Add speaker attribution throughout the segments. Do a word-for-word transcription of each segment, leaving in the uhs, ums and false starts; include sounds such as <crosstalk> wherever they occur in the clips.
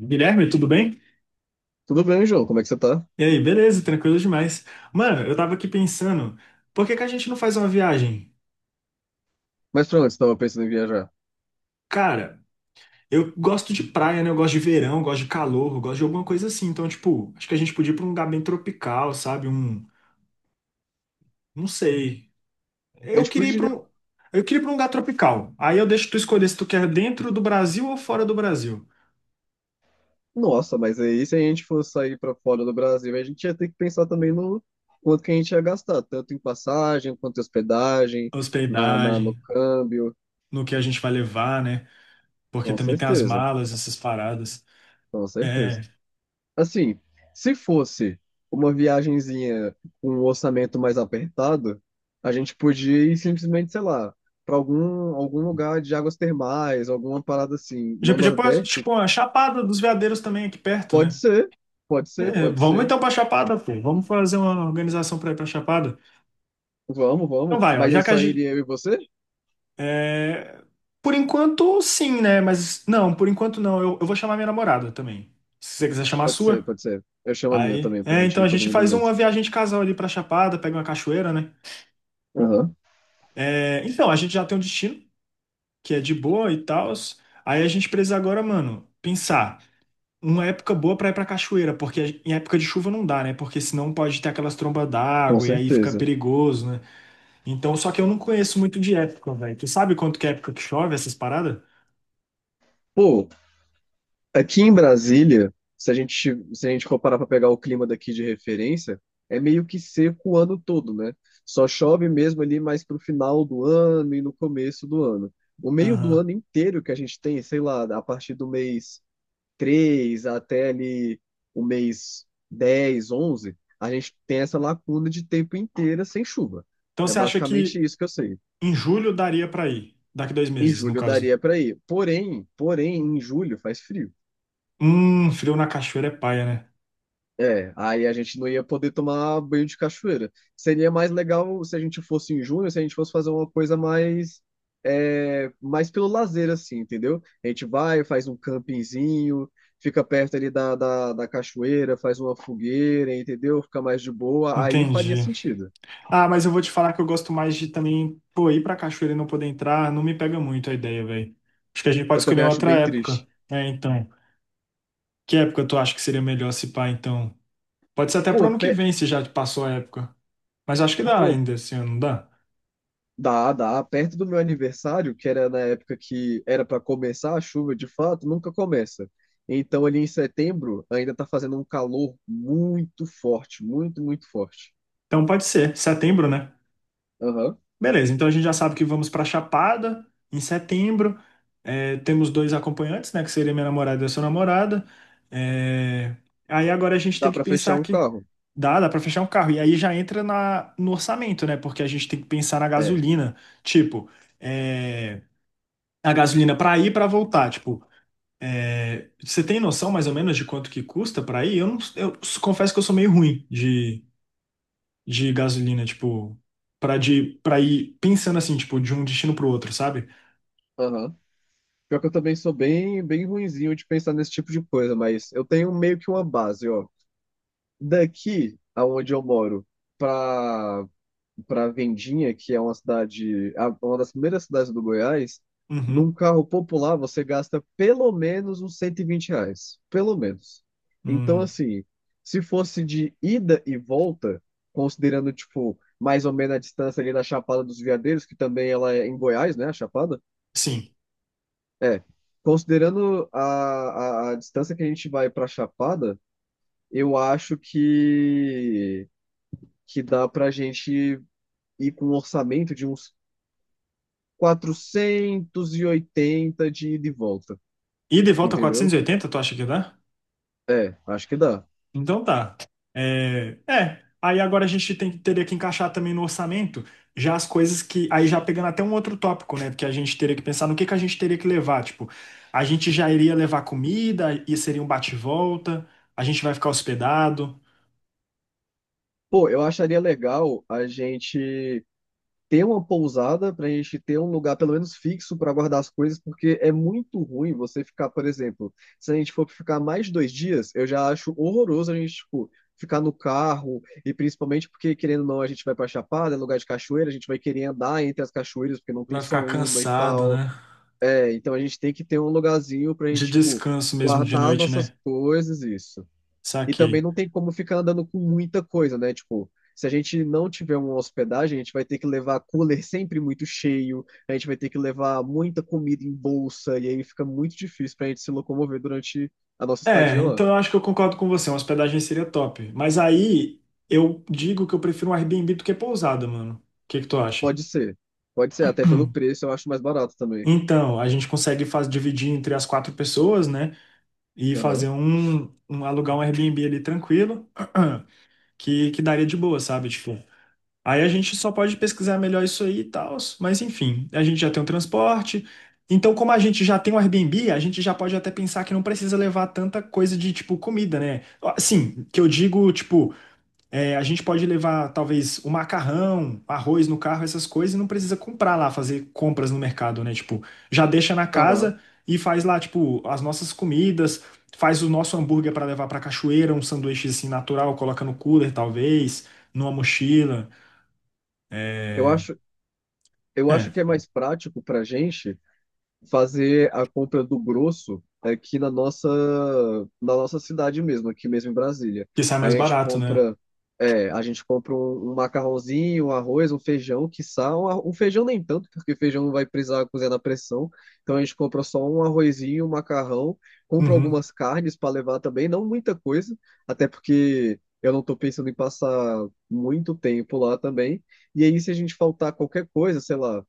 Speaker 1: Guilherme, tudo bem?
Speaker 2: Tudo bem, João? Como é que você tá?
Speaker 1: E aí, beleza, tranquilo demais. Mano, eu tava aqui pensando, por que que a gente não faz uma viagem?
Speaker 2: Mas pra onde você tava pensando em viajar?
Speaker 1: Cara, eu gosto de praia, né? Eu gosto de verão, eu gosto de calor, eu gosto de alguma coisa assim. Então, tipo, acho que a gente podia ir pra um lugar bem tropical, sabe? Um, não sei.
Speaker 2: A
Speaker 1: Eu
Speaker 2: gente
Speaker 1: queria ir pra
Speaker 2: podia.
Speaker 1: um, eu queria ir pra um lugar tropical. Aí eu deixo tu escolher se tu quer dentro do Brasil ou fora do Brasil.
Speaker 2: Nossa, mas aí se a gente fosse sair pra fora do Brasil, a gente ia ter que pensar também no quanto que a gente ia gastar, tanto em passagem, quanto em hospedagem, na, na,
Speaker 1: Hospedagem,
Speaker 2: no câmbio.
Speaker 1: no que a gente vai levar, né? Porque
Speaker 2: Com
Speaker 1: também tem as
Speaker 2: certeza,
Speaker 1: malas, essas paradas.
Speaker 2: com certeza.
Speaker 1: É,
Speaker 2: Assim, se fosse uma viagenzinha com um orçamento mais apertado, a gente podia ir simplesmente, sei lá, pra algum, algum lugar de águas termais, alguma parada assim,
Speaker 1: Já
Speaker 2: no
Speaker 1: podia pôr,
Speaker 2: Nordeste.
Speaker 1: tipo, a Chapada dos Veadeiros também aqui perto,
Speaker 2: Pode
Speaker 1: né?
Speaker 2: ser, pode ser,
Speaker 1: É,
Speaker 2: pode
Speaker 1: vamos
Speaker 2: ser.
Speaker 1: então pra Chapada, pô. Vamos fazer uma organização pra ir pra Chapada.
Speaker 2: Vamos,
Speaker 1: Então
Speaker 2: vamos.
Speaker 1: vai, ó.
Speaker 2: Mas
Speaker 1: Já
Speaker 2: aí
Speaker 1: que a
Speaker 2: só
Speaker 1: gente.
Speaker 2: iria eu e você?
Speaker 1: é, Por enquanto, sim, né? Mas não, por enquanto não. Eu, eu vou chamar minha namorada também. Se você quiser chamar a
Speaker 2: Pode ser,
Speaker 1: sua.
Speaker 2: pode ser. Eu chamo a minha
Speaker 1: Aí.
Speaker 2: também pra
Speaker 1: É,
Speaker 2: gente
Speaker 1: então a
Speaker 2: ir todo
Speaker 1: gente
Speaker 2: mundo
Speaker 1: faz
Speaker 2: junto.
Speaker 1: uma viagem de casal ali pra Chapada, pega uma cachoeira, né?
Speaker 2: Aham,
Speaker 1: É, então, a gente já tem um destino, que é de boa e tal. Aí a gente precisa agora, mano, pensar. Uma época boa pra ir pra cachoeira, porque em época de chuva não dá, né? Porque senão pode ter aquelas trombas
Speaker 2: com
Speaker 1: d'água e aí fica
Speaker 2: certeza.
Speaker 1: perigoso, né? Então, só que eu não conheço muito de época, velho. Tu sabe quanto que é época que chove essas paradas?
Speaker 2: Pô, aqui em Brasília, se a gente, se a gente for parar pra pegar o clima daqui de referência, é meio que seco o ano todo, né? Só chove mesmo ali mais pro final do ano e no começo do ano. O meio do
Speaker 1: Aham.
Speaker 2: ano inteiro que a gente tem, sei lá, a partir do mês três até ali o mês dez onze a gente tem essa lacuna de tempo inteira sem chuva.
Speaker 1: Então
Speaker 2: É
Speaker 1: você acha
Speaker 2: basicamente
Speaker 1: que
Speaker 2: isso que eu sei.
Speaker 1: em julho daria pra ir? Daqui dois
Speaker 2: Em
Speaker 1: meses, no
Speaker 2: julho
Speaker 1: caso.
Speaker 2: daria para ir. Porém, porém, em julho faz frio.
Speaker 1: Hum, frio na cachoeira é paia, né?
Speaker 2: É, aí a gente não ia poder tomar banho de cachoeira. Seria mais legal se a gente fosse em junho, se a gente fosse fazer uma coisa mais, é, mais pelo lazer, assim, entendeu? A gente vai, faz um campinzinho, fica perto ali da, da, da cachoeira, faz uma fogueira, entendeu? Fica mais de boa, aí faria
Speaker 1: Entendi.
Speaker 2: sentido.
Speaker 1: Ah, mas eu vou te falar que eu gosto mais de também, pô, ir pra cachoeira e não poder entrar, não me pega muito a ideia, velho. Acho que a gente pode
Speaker 2: Eu
Speaker 1: escolher
Speaker 2: também acho
Speaker 1: outra
Speaker 2: bem
Speaker 1: época.
Speaker 2: triste.
Speaker 1: É, então. Que época tu acha que seria melhor se pá, então? Pode ser até
Speaker 2: Pô,
Speaker 1: pro ano que
Speaker 2: pe-
Speaker 1: vem, se já passou a época. Mas acho que dá
Speaker 2: pô,
Speaker 1: ainda esse ano, não dá?
Speaker 2: dá, dá. Perto do meu aniversário, que era na época que era para começar a chuva, de fato, nunca começa. Então, ali em setembro, ainda tá fazendo um calor muito forte, muito, muito forte.
Speaker 1: Então pode ser, setembro, né?
Speaker 2: Aham.
Speaker 1: Beleza, então a gente já sabe que vamos pra Chapada em setembro. É, temos dois acompanhantes, né? Que seria minha namorada e a sua namorada. É, Aí agora a gente tem
Speaker 2: Dá
Speaker 1: que
Speaker 2: para fechar
Speaker 1: pensar
Speaker 2: um
Speaker 1: que
Speaker 2: carro.
Speaker 1: dá, dá pra fechar um carro. E aí já entra na... no orçamento, né? Porque a gente tem que pensar na
Speaker 2: É.
Speaker 1: gasolina. Tipo, é, a gasolina pra ir e pra voltar. Tipo, É, você tem noção mais ou menos de quanto que custa para ir? Eu não, eu s- confesso que eu sou meio ruim de, de gasolina, tipo, para de para ir pensando assim, tipo, de um destino pro outro, sabe?
Speaker 2: Aham. Pior que eu também sou bem, bem ruinzinho de pensar nesse tipo de coisa, mas eu tenho meio que uma base, ó. Daqui, aonde eu moro, para para Vendinha, que é uma cidade, a- uma das primeiras cidades do Goiás, num
Speaker 1: Uhum.
Speaker 2: carro popular você gasta pelo menos uns cento e vinte reais. Pelo menos. Então,
Speaker 1: Hum,
Speaker 2: assim, se fosse de ida e volta, considerando, tipo, mais ou menos a distância ali da Chapada dos Veadeiros, que também ela é em Goiás, né, a Chapada?
Speaker 1: sim.
Speaker 2: É. Considerando a, a, a distância que a gente vai para Chapada, eu acho que, que dá para a gente ir com um orçamento de uns quatrocentos e oitenta de ida e volta,
Speaker 1: Ida e volta
Speaker 2: entendeu?
Speaker 1: quatrocentos e oitenta, tu acha que dá?
Speaker 2: É, acho que dá.
Speaker 1: Então tá. É, é, aí agora a gente tem, que- teria que encaixar também no orçamento já as coisas que. Aí já pegando até um outro tópico, né? Porque a gente teria que pensar no que, que a gente teria que levar. Tipo, a gente já iria levar comida e seria um bate-volta, a gente vai ficar hospedado,
Speaker 2: Pô, eu acharia legal a gente ter uma pousada pra gente ter um lugar pelo menos fixo pra guardar as coisas, porque é muito ruim você ficar, por exemplo, se a gente for ficar mais de dois dias, eu já acho horroroso a gente, tipo, ficar no carro e principalmente porque, querendo ou não, a gente vai pra Chapada, é lugar de cachoeira, a gente vai querer andar entre as cachoeiras porque não tem
Speaker 1: vai
Speaker 2: só
Speaker 1: ficar
Speaker 2: uma e
Speaker 1: cansado,
Speaker 2: tal.
Speaker 1: né?
Speaker 2: É, então a gente tem que ter um lugarzinho pra
Speaker 1: De
Speaker 2: gente, tipo,
Speaker 1: descanso mesmo de
Speaker 2: guardar as
Speaker 1: noite,
Speaker 2: nossas
Speaker 1: né?
Speaker 2: coisas, isso. E também
Speaker 1: Saquei.
Speaker 2: não tem como ficar andando com muita coisa, né? Tipo, se a gente não tiver uma hospedagem, a gente vai ter que levar cooler sempre muito cheio, a gente vai ter que levar muita comida em bolsa, e aí fica muito difícil pra gente se locomover durante a nossa
Speaker 1: É,
Speaker 2: estadia lá.
Speaker 1: então eu acho que eu concordo com você, uma hospedagem seria top. Mas aí eu digo que eu prefiro um Airbnb do que pousada, mano. O que que tu acha?
Speaker 2: Pode ser. Pode ser, até pelo preço eu acho mais barato também.
Speaker 1: Então, a gente consegue faz, dividir entre as quatro pessoas, né? E fazer
Speaker 2: Aham.
Speaker 1: um, um- alugar um Airbnb ali tranquilo, <clears throat> que, que daria de boa, sabe? Tipo, aí a gente só pode pesquisar melhor isso aí e tal, mas enfim, a gente já tem o transporte. Então, como a gente já tem o Airbnb, a gente já pode até pensar que não precisa levar tanta coisa de tipo comida, né? Ó, Sim, que eu digo, tipo, é, a gente pode levar, talvez, o macarrão, arroz no carro, essas coisas, e não precisa comprar lá, fazer compras no mercado, né? Tipo, já deixa na
Speaker 2: Aham.
Speaker 1: casa e faz lá, tipo, as nossas comidas, faz o nosso hambúrguer para levar para cachoeira, um sanduíche assim natural, coloca no cooler, talvez, numa mochila.
Speaker 2: Eu
Speaker 1: É,
Speaker 2: acho, eu
Speaker 1: é,
Speaker 2: acho que é mais prático pra gente fazer a compra do grosso aqui na nossa, na nossa cidade mesmo, aqui mesmo em Brasília.
Speaker 1: que sai
Speaker 2: A
Speaker 1: mais
Speaker 2: gente
Speaker 1: barato, né?
Speaker 2: compra, é, a gente compra um, um macarrãozinho, um arroz, um feijão, quiçá, um, arro- um feijão nem tanto, porque feijão não vai precisar cozinhar na pressão. Então a gente compra só um arrozinho, um macarrão, compra
Speaker 1: Uhum.
Speaker 2: algumas carnes para levar também, não muita coisa, até porque eu não estou pensando em passar muito tempo lá também. E aí, se a gente faltar qualquer coisa, sei lá,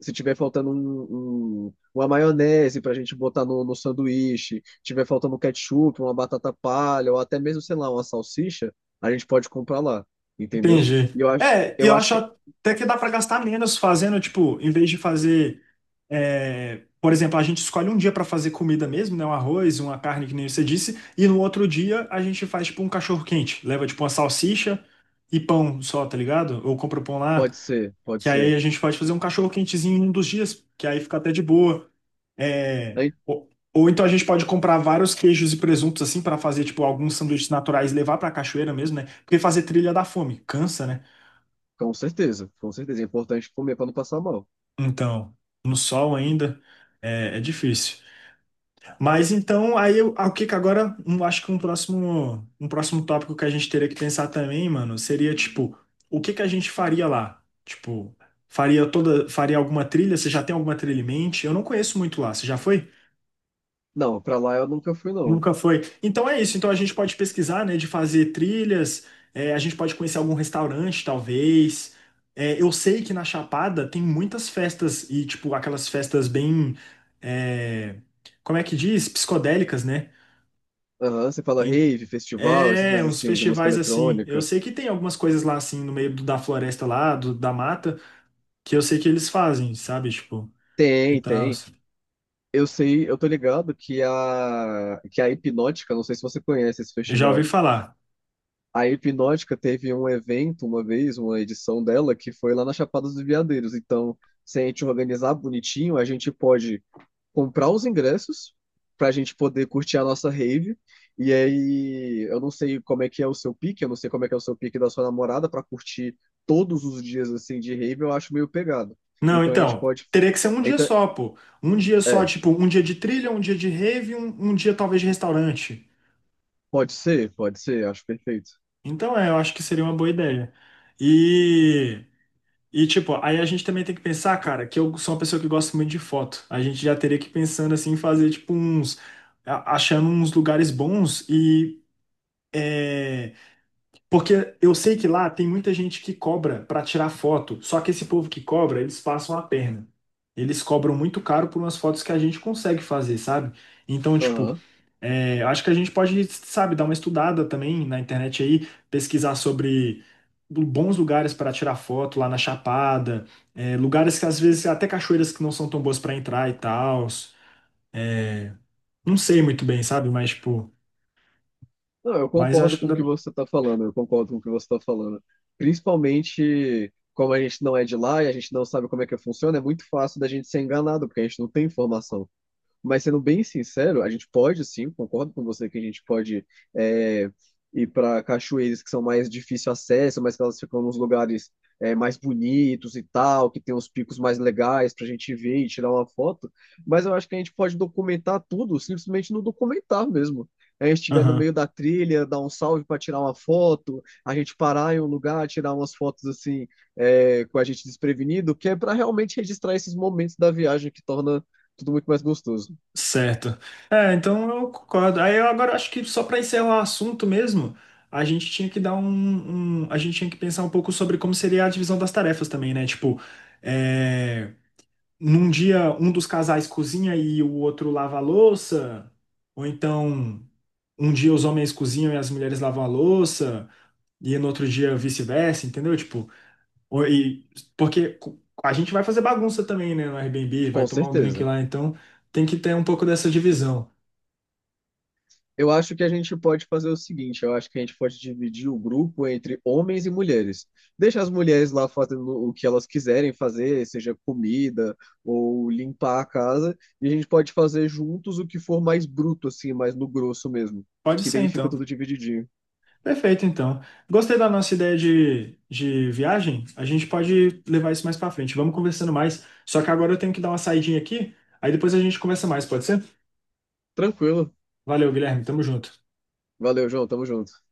Speaker 2: se tiver faltando um, um- uma maionese para a gente botar no, no sanduíche, tiver faltando um ketchup, uma batata palha, ou até mesmo, sei lá, uma salsicha, a gente pode comprar lá, entendeu?
Speaker 1: Entendi.
Speaker 2: E eu acho,
Speaker 1: É, e
Speaker 2: eu
Speaker 1: eu
Speaker 2: acho
Speaker 1: acho
Speaker 2: que
Speaker 1: até que dá para gastar menos fazendo, tipo, em vez de fazer, é, por exemplo, a gente escolhe um dia para fazer comida mesmo, né? Um arroz, uma carne, que nem você disse, e no outro dia a gente faz, tipo, um cachorro-quente. Leva, tipo, uma salsicha e pão só, tá ligado? Ou compra o pão lá,
Speaker 2: pode ser, pode
Speaker 1: que aí
Speaker 2: ser.
Speaker 1: a gente pode fazer um cachorro-quentezinho em um dos dias, que aí fica até de boa. É,
Speaker 2: Aí,
Speaker 1: ou, ou então a gente pode comprar vários queijos e presuntos, assim, para fazer, tipo, alguns sanduíches naturais e levar para a cachoeira mesmo, né? Porque fazer trilha dá fome, cansa, né?
Speaker 2: com certeza, com certeza. É importante comer para não passar mal.
Speaker 1: Então, no sol ainda é, é difícil. Mas então, aí eu, ah, o que que agora, um, acho que um próximo, um próximo tópico que a gente teria que pensar também, mano, seria tipo, o que que a gente faria lá? Tipo, faria toda, faria alguma trilha? Você já tem alguma trilha em mente? Eu não conheço muito lá. Você já foi?
Speaker 2: Não, para lá eu nunca fui, não.
Speaker 1: Nunca foi. Então é isso. Então a gente pode pesquisar, né, de fazer trilhas, é, a gente pode conhecer algum restaurante, talvez. É, eu sei que na Chapada tem muitas festas e, tipo, aquelas festas bem, é, como é que diz? Psicodélicas, né?
Speaker 2: Aham, você fala
Speaker 1: Em-
Speaker 2: rave, festival, essas
Speaker 1: É,
Speaker 2: coisas
Speaker 1: uns
Speaker 2: assim, de música
Speaker 1: festivais assim. Eu
Speaker 2: eletrônica.
Speaker 1: sei que tem algumas coisas lá, assim, no meio do- da floresta lá, do- da mata, que eu sei que eles fazem, sabe? Tipo, e
Speaker 2: Tem,
Speaker 1: tal.
Speaker 2: tem. Eu sei, eu tô ligado que a, que a Hipnótica, não sei se você conhece esse
Speaker 1: Eu já ouvi
Speaker 2: festival.
Speaker 1: falar.
Speaker 2: A Hipnótica teve um evento uma vez, uma edição dela, que foi lá na Chapada dos Veadeiros. Então, se a gente organizar bonitinho, a gente pode comprar os ingressos para a gente poder curtir a nossa rave. E aí, eu não sei como é que é o seu pique, eu não sei como é que é o seu pique da sua namorada para curtir todos os dias assim de rave, eu acho meio pegado.
Speaker 1: Não,
Speaker 2: Então a gente
Speaker 1: então,
Speaker 2: pode.
Speaker 1: teria que ser um dia
Speaker 2: Então,
Speaker 1: só, pô. Um dia só,
Speaker 2: é,
Speaker 1: tipo, um dia de trilha, um dia de rave, um, um dia talvez de restaurante.
Speaker 2: pode ser, pode ser, acho perfeito.
Speaker 1: Então, é, eu acho que seria uma boa ideia. E, e, tipo, aí a gente também tem que pensar, cara, que eu sou uma pessoa que gosta muito de foto. A gente já teria que ir pensando, assim, em fazer, tipo, uns... a- Achando uns lugares bons e... é, Porque eu sei que lá tem muita gente que cobra para tirar foto, só que esse povo que cobra, eles passam a perna. Eles cobram muito caro por umas fotos que a gente consegue fazer, sabe? Então, tipo,
Speaker 2: Aham.
Speaker 1: é, acho que a gente pode, sabe, dar uma estudada também na internet aí, pesquisar sobre bons lugares para tirar foto lá na Chapada, é, lugares que às vezes até cachoeiras que não são tão boas para entrar e tal. Não sei muito bem, sabe? Mas, tipo,
Speaker 2: Não, eu
Speaker 1: mas
Speaker 2: concordo
Speaker 1: acho que.
Speaker 2: com o que
Speaker 1: Dá-
Speaker 2: você está falando, eu concordo com o que você está falando. Principalmente como a gente não é de lá e a gente não sabe como é que funciona, é muito fácil da gente ser enganado, porque a gente não tem informação. Mas sendo bem sincero, a gente pode sim, concordo com você que a gente pode é, ir para cachoeiras que são mais difícil acesso, mas que elas ficam nos lugares é, mais bonitos e tal, que tem os picos mais legais para a gente ver e tirar uma foto. Mas eu acho que a gente pode documentar tudo, simplesmente no documentar mesmo. A gente estiver no meio
Speaker 1: Aham.
Speaker 2: da trilha, dar um salve para tirar uma foto, a gente parar em um lugar, tirar umas fotos assim, é, com a gente desprevenido, que é para realmente registrar esses momentos da viagem que torna tudo muito mais gostoso.
Speaker 1: Certo. É, então eu concordo. Aí eu agora acho que só para encerrar o assunto mesmo, a gente tinha que dar um, um- A gente tinha que pensar um pouco sobre como seria a divisão das tarefas também, né? Tipo, é, num dia um dos casais cozinha e o outro lava a louça, ou então um dia os homens cozinham e as mulheres lavam a louça, e no outro dia vice-versa, entendeu? Tipo, ou- e, porque co- a gente vai fazer bagunça também, né, no Airbnb, vai
Speaker 2: Com
Speaker 1: tomar um drink
Speaker 2: certeza.
Speaker 1: lá, então tem que ter um pouco dessa divisão.
Speaker 2: Eu acho que a gente pode fazer o seguinte, eu acho que a gente pode dividir o grupo entre homens e mulheres. Deixa as mulheres lá fazendo o que elas quiserem fazer, seja comida ou limpar a casa, e a gente pode fazer juntos o que for mais bruto, assim, mais no grosso mesmo.
Speaker 1: Pode
Speaker 2: Que
Speaker 1: ser,
Speaker 2: daí fica
Speaker 1: então.
Speaker 2: tudo divididinho.
Speaker 1: Perfeito, então. Gostei da nossa ideia de, de viagem. A gente pode levar isso mais pra frente. Vamos conversando mais. Só que agora eu tenho que dar uma saidinha aqui. Aí depois a gente conversa mais, pode ser?
Speaker 2: Tranquilo.
Speaker 1: Valeu, Guilherme. Tamo junto.
Speaker 2: Valeu, João. Tamo junto.